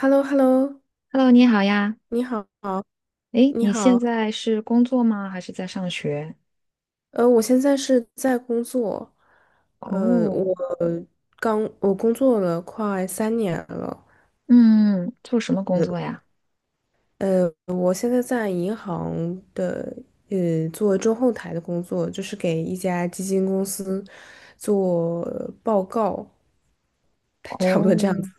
h e l l o h e l l o Hello，你好呀。你好，诶，你你现好。在是工作吗？还是在上学？我现在是在工作。呃，我哦，我工作了快3年了。嗯，做什么工作呀？我现在在银行的做中后台的工作，就是给一家基金公司做报告。差不多这样哦，子。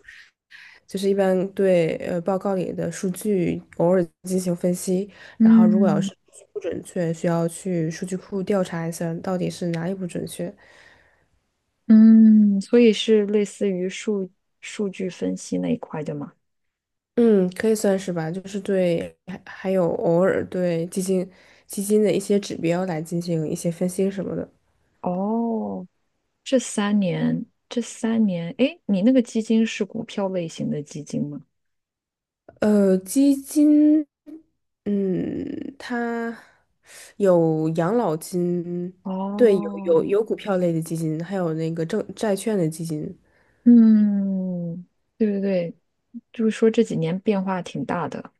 就是一般对报告里的数据偶尔进行分析，然后如果要嗯是不准确，需要去数据库调查一下到底是哪里不准确。嗯，所以是类似于数据分析那一块的吗？嗯，可以算是吧，就是对，还有偶尔对基金的一些指标来进行一些分析什么的。哦，这三年，这三年，诶，你那个基金是股票类型的基金吗？基金，嗯，它有养老金，对，有有哦，有股票类的基金，还有那个证债券的基金。嗯，对对对，就是说这几年变化挺大的，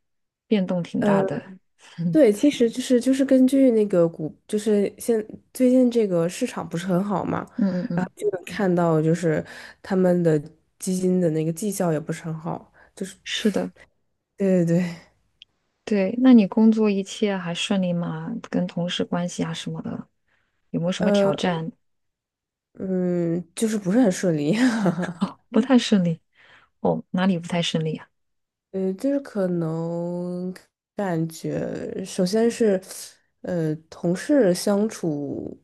变动挺大呃的。嗯对，其实就是根据那个股，就是现最近这个市场不是很好嘛，嗯然嗯。后就能看到就是他们的基金的那个绩效也不是很好，就是是的，对对对。对。那你工作一切还顺利吗？跟同事关系啊什么的，有没有什么呃挑战？嗯，就是不是很顺利。哦，不太顺利。哦，哪里不太顺利啊？就是可能感觉首先是同事相处。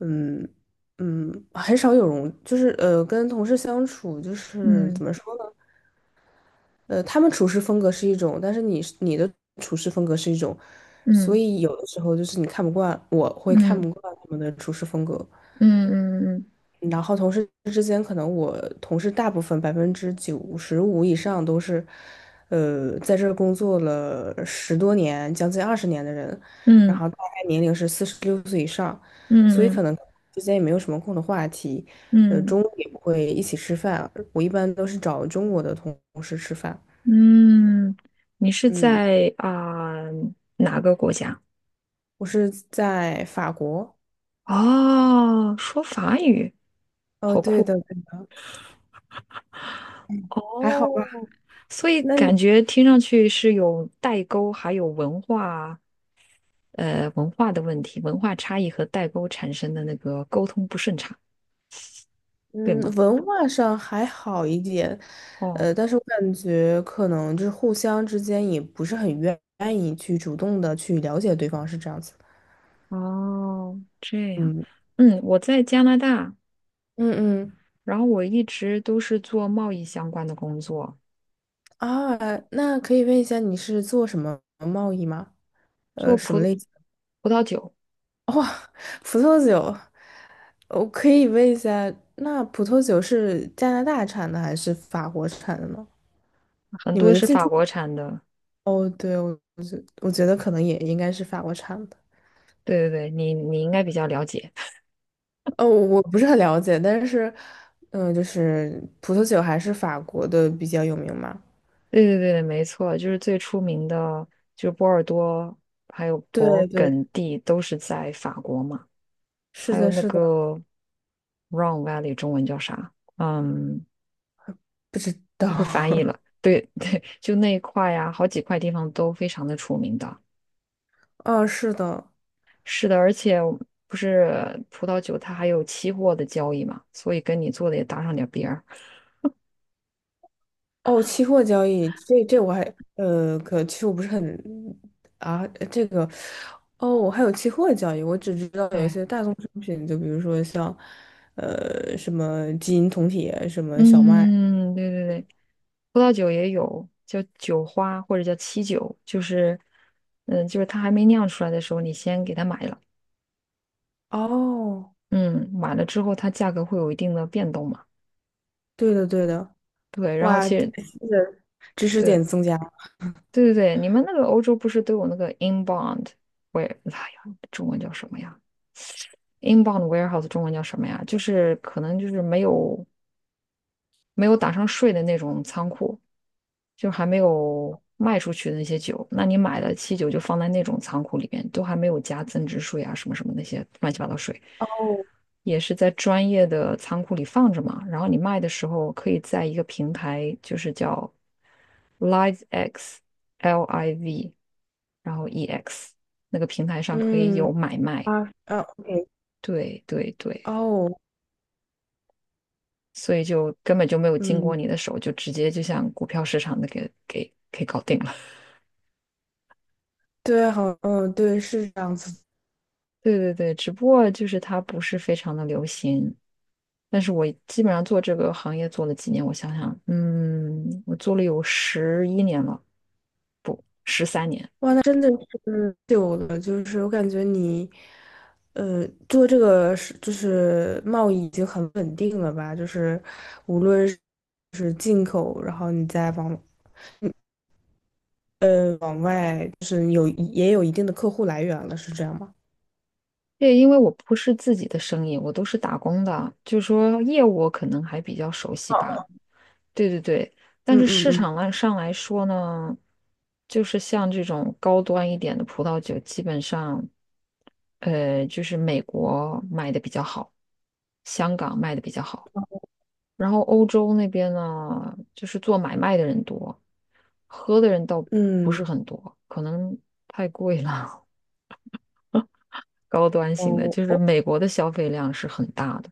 嗯嗯，很少有容，就是跟同事相处就是嗯怎么说呢？他们处事风格是一种，但是你的处事风格是一种，所嗯以有的时候就是你看不惯，我会看嗯不惯他们的处事风格。嗯嗯然后同事之间，可能我同事大部分95%以上都是，在这儿工作了10多年，将近20年的人，然嗯后大概年龄是46岁以上，所以嗯嗯可能之间也没有什么共同话题。嗯中午也不会一起吃饭，我一般都是找中国的同事吃饭。嗯，你是嗯，在啊、哪个国家？我是在法国。哦，说法语，哦，好对酷的，对。还好吧。哦！所以那感觉听上去是有代沟，还有文化的问题，文化差异和代沟产生的那个沟通不顺畅，对嗯，吗？文化上还好一点。哦，但是我感觉可能就是互相之间也不是很愿意去主动的去了解对方，是这样子的。哦，这样，嗯嗯，我在加拿大，嗯嗯，然后我一直都是做贸易相关的工作，啊，那可以问一下你是做什么贸易吗？做什么葡类？葡萄酒，哇，葡萄酒，我可以问一下，那葡萄酒是加拿大产的还是法国产的呢？很你们多的是进法出口？国产的。哦，对，我觉得可能也应该是法国产的。对对对，你应该比较了解。哦，我不是很了解，但是，嗯、就是葡萄酒还是法国的比较有名嘛？对对对，没错，就是最出名的，就是波尔多还有勃对对，艮第都是在法国嘛。是还有的，那是的。个 Rhone Valley 中文叫啥？嗯，不知道。不会翻译 了。对 对，就那一块呀，好几块地方都非常的出名的。哦，是的。是的，而且不是葡萄酒，它还有期货的交易嘛，所以跟你做的也搭上点儿边儿。哦，期货交易，这我还可其实我不是很啊，这个哦，我还有期货交易。我只知道有一对，些大宗商品，就比如说像什么金银铜铁，什么小麦。嗯，对对对，葡萄酒也有叫酒花或者叫期酒，就是它还没酿出来的时候，你先给它买了，哦，嗯，买了之后它价格会有一定的变动嘛。对的对的。对，然后哇，是其实的，知识对，点增加。对对对，你们那个欧洲不是都有那个 inbound ware，哎呀，中文叫什么呀？inbound warehouse 中文叫什么呀？就是可能就是没有打上税的那种仓库。就还没有卖出去的那些酒，那你买的汽酒就放在那种仓库里面，都还没有加增值税啊什么什么那些乱七八糟税，哦，也是在专业的仓库里放着嘛。然后你卖的时候可以在一个平台，就是叫 LiveX L I V，然后 E X 那个平台上可以嗯，有买卖。啊啊，OK，对对对，哦，所以就根本就没有经过嗯，你的手，就直接就像股票市场的给搞定了。对，好，嗯，对，是这样子。对对对，只不过就是它不是非常的流行，但是我基本上做这个行业做了几年，我想想，我做了有11年了，不，13年。哇，那真的是久了，就是我感觉你，做这个是就是贸易已经很稳定了吧？就是无论是进口，然后你再往往外有也有一定的客户来源了，是这样吗？对，因为我不是自己的生意，我都是打工的，就是说业务我可能还比较熟悉哦，吧。对对对，但嗯是嗯市嗯场来上来说呢，就是像这种高端一点的葡萄酒，基本上，就是美国卖的比较好，香港卖的比较好。然后欧洲那边呢，就是做买卖的人多，喝的人倒不是嗯。很多，可能太贵了，高端型的，哦就是哦。美国的消费量是很大的。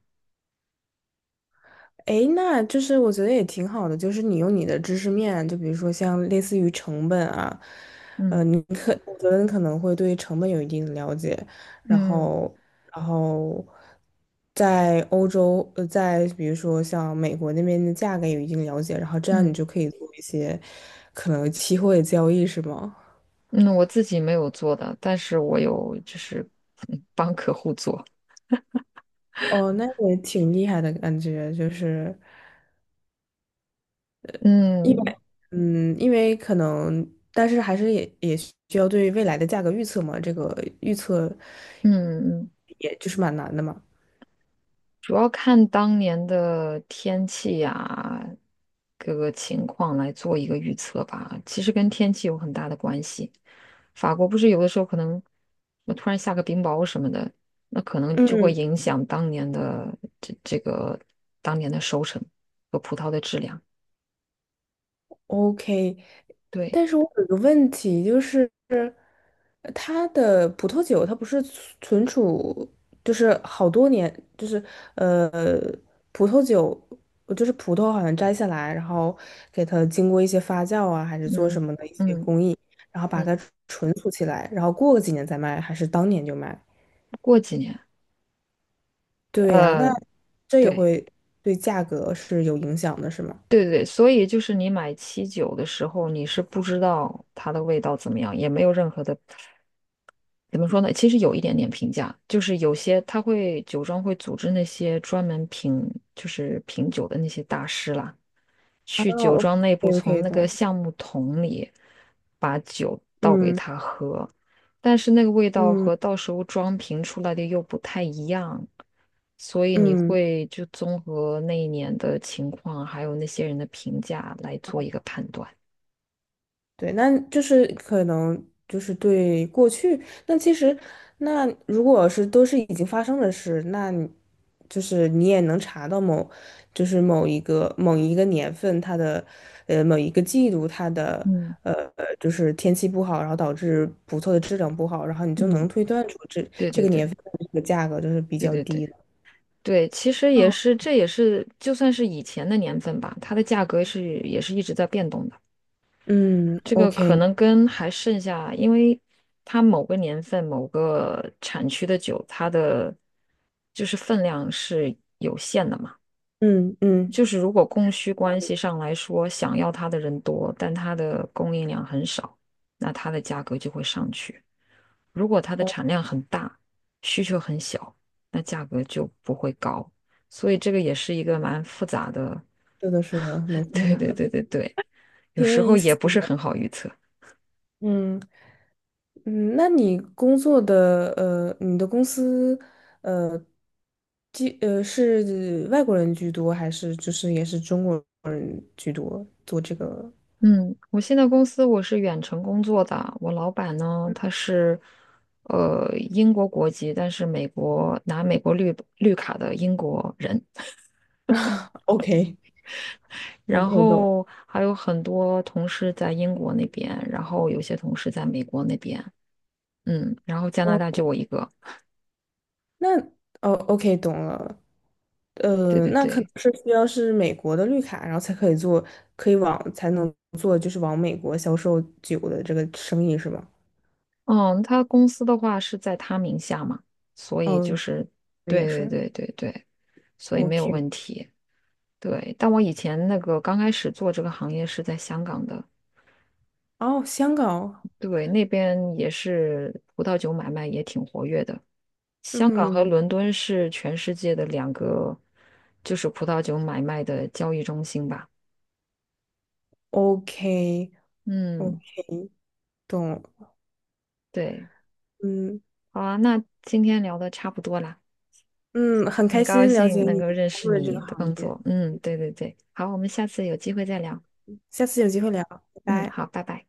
诶，那就是我觉得也挺好的，就是你用你的知识面，就比如说像类似于成本啊。嗯你可我觉得你可能会对成本有一定的了解，然嗯后，然后在欧洲，在比如说像美国那边的价格有一定了解，然后这样你嗯就可以做一些可能期货的交易，是吗？嗯，我自己没有做的，但是我有就是 帮客户做。哦，那也挺厉害的感觉，就是。嗯嗯，因为可能，但是还是也需要对未来的价格预测嘛，这个预测嗯嗯。也就是蛮难的嘛。主要看当年的天气呀，各个情况来做一个预测吧。其实跟天气有很大的关系。法国不是有的时候可能，那突然下个冰雹什么的，那可能就会嗯，影响这这个当年的收成和葡萄的质量。OK。对，但是我有一个问题，就是它的葡萄酒，它不是存储，就是好多年，就是呃，葡萄酒，就是葡萄好像摘下来，然后给它经过一些发酵啊，还是做嗯什么的一些嗯工艺，然后把它嗯，存储起来，然后过个几年再卖，还是当年就卖？过几年，对呀，那呃，这也对。会对价格是有影响的，是吗？对对对，所以就是你买七九的时候，你是不知道它的味道怎么样，也没有任何的，怎么说呢？其实有一点点评价，就是有些他会酒庄会组织那些专门品，就是品酒的那些大师啦。啊去酒庄内部从，OK 那个的，橡木桶里把酒倒给嗯他喝，但是那个味道嗯和到时候装瓶出来的又不太一样，所以你嗯。会就综合那一年的情况，还有那些人的评价来做一个判断。对，那就是可能就是对过去，那其实那如果是都是已经发生的事，那你就是你也能查到某，就是某一个年份它的，某一个季度它的，嗯呃，就是天气不好，然后导致葡萄的质量不好，然后你就嗯，能推断出这对这对个年对份的这个价格就是比对较对对低的。对，其实也是，这也是就算是以前的年份吧，它的价格是也是一直在变动的。嗯这个，OK。可能跟还剩下，因为它某个年份、某个产区的酒，它的就是分量是有限的嘛。嗯嗯，就是如果供需关系上来说，想要它的人多，但它的供应量很少，那它的价格就会上去。如果它的哦，产量很大，需求很小，那价格就不会高。所以这个也是一个蛮复杂的，是的，是的，没 错。对对对对对，有挺有时意候也思不是的，很好预测。嗯。嗯，那你工作的你的公司呃，居是外国人居多，还是就是也是中国人居多做这个 嗯，我现在公司我是远程工作的，我老板呢他是英国国籍，但是美国拿美国绿卡的英国人，OK，然？OK，懂。后还有很多同事在英国那边，然后有些同事在美国那边，嗯，然后加拿哦，大就我一个，那哦，OK，懂了。对对那可能对，是需要是美国的绿卡，然后才可以做，可以往才能做，就是往美国销售酒的这个生意是吗？嗯，他公司的话是在他名下嘛，所以就哦，是对也对对是。对对对，所以没有 OK，问题。对，但我以前那个刚开始做这个行业是在香港的，哦，香港，对，那边也是葡萄酒买卖也挺活跃的。香港和嗯，伦敦是全世界的2个，就是葡萄酒买卖的交易中心吧。OK 嗯，OK，懂了。对，嗯好啊，那今天聊的差不多啦，嗯，很很开高心了解兴能你够认工识作的这你个的行工业，作。嗯，对对对，好，我们下次有机会再聊。下次有机会聊，拜嗯，拜。好，拜拜。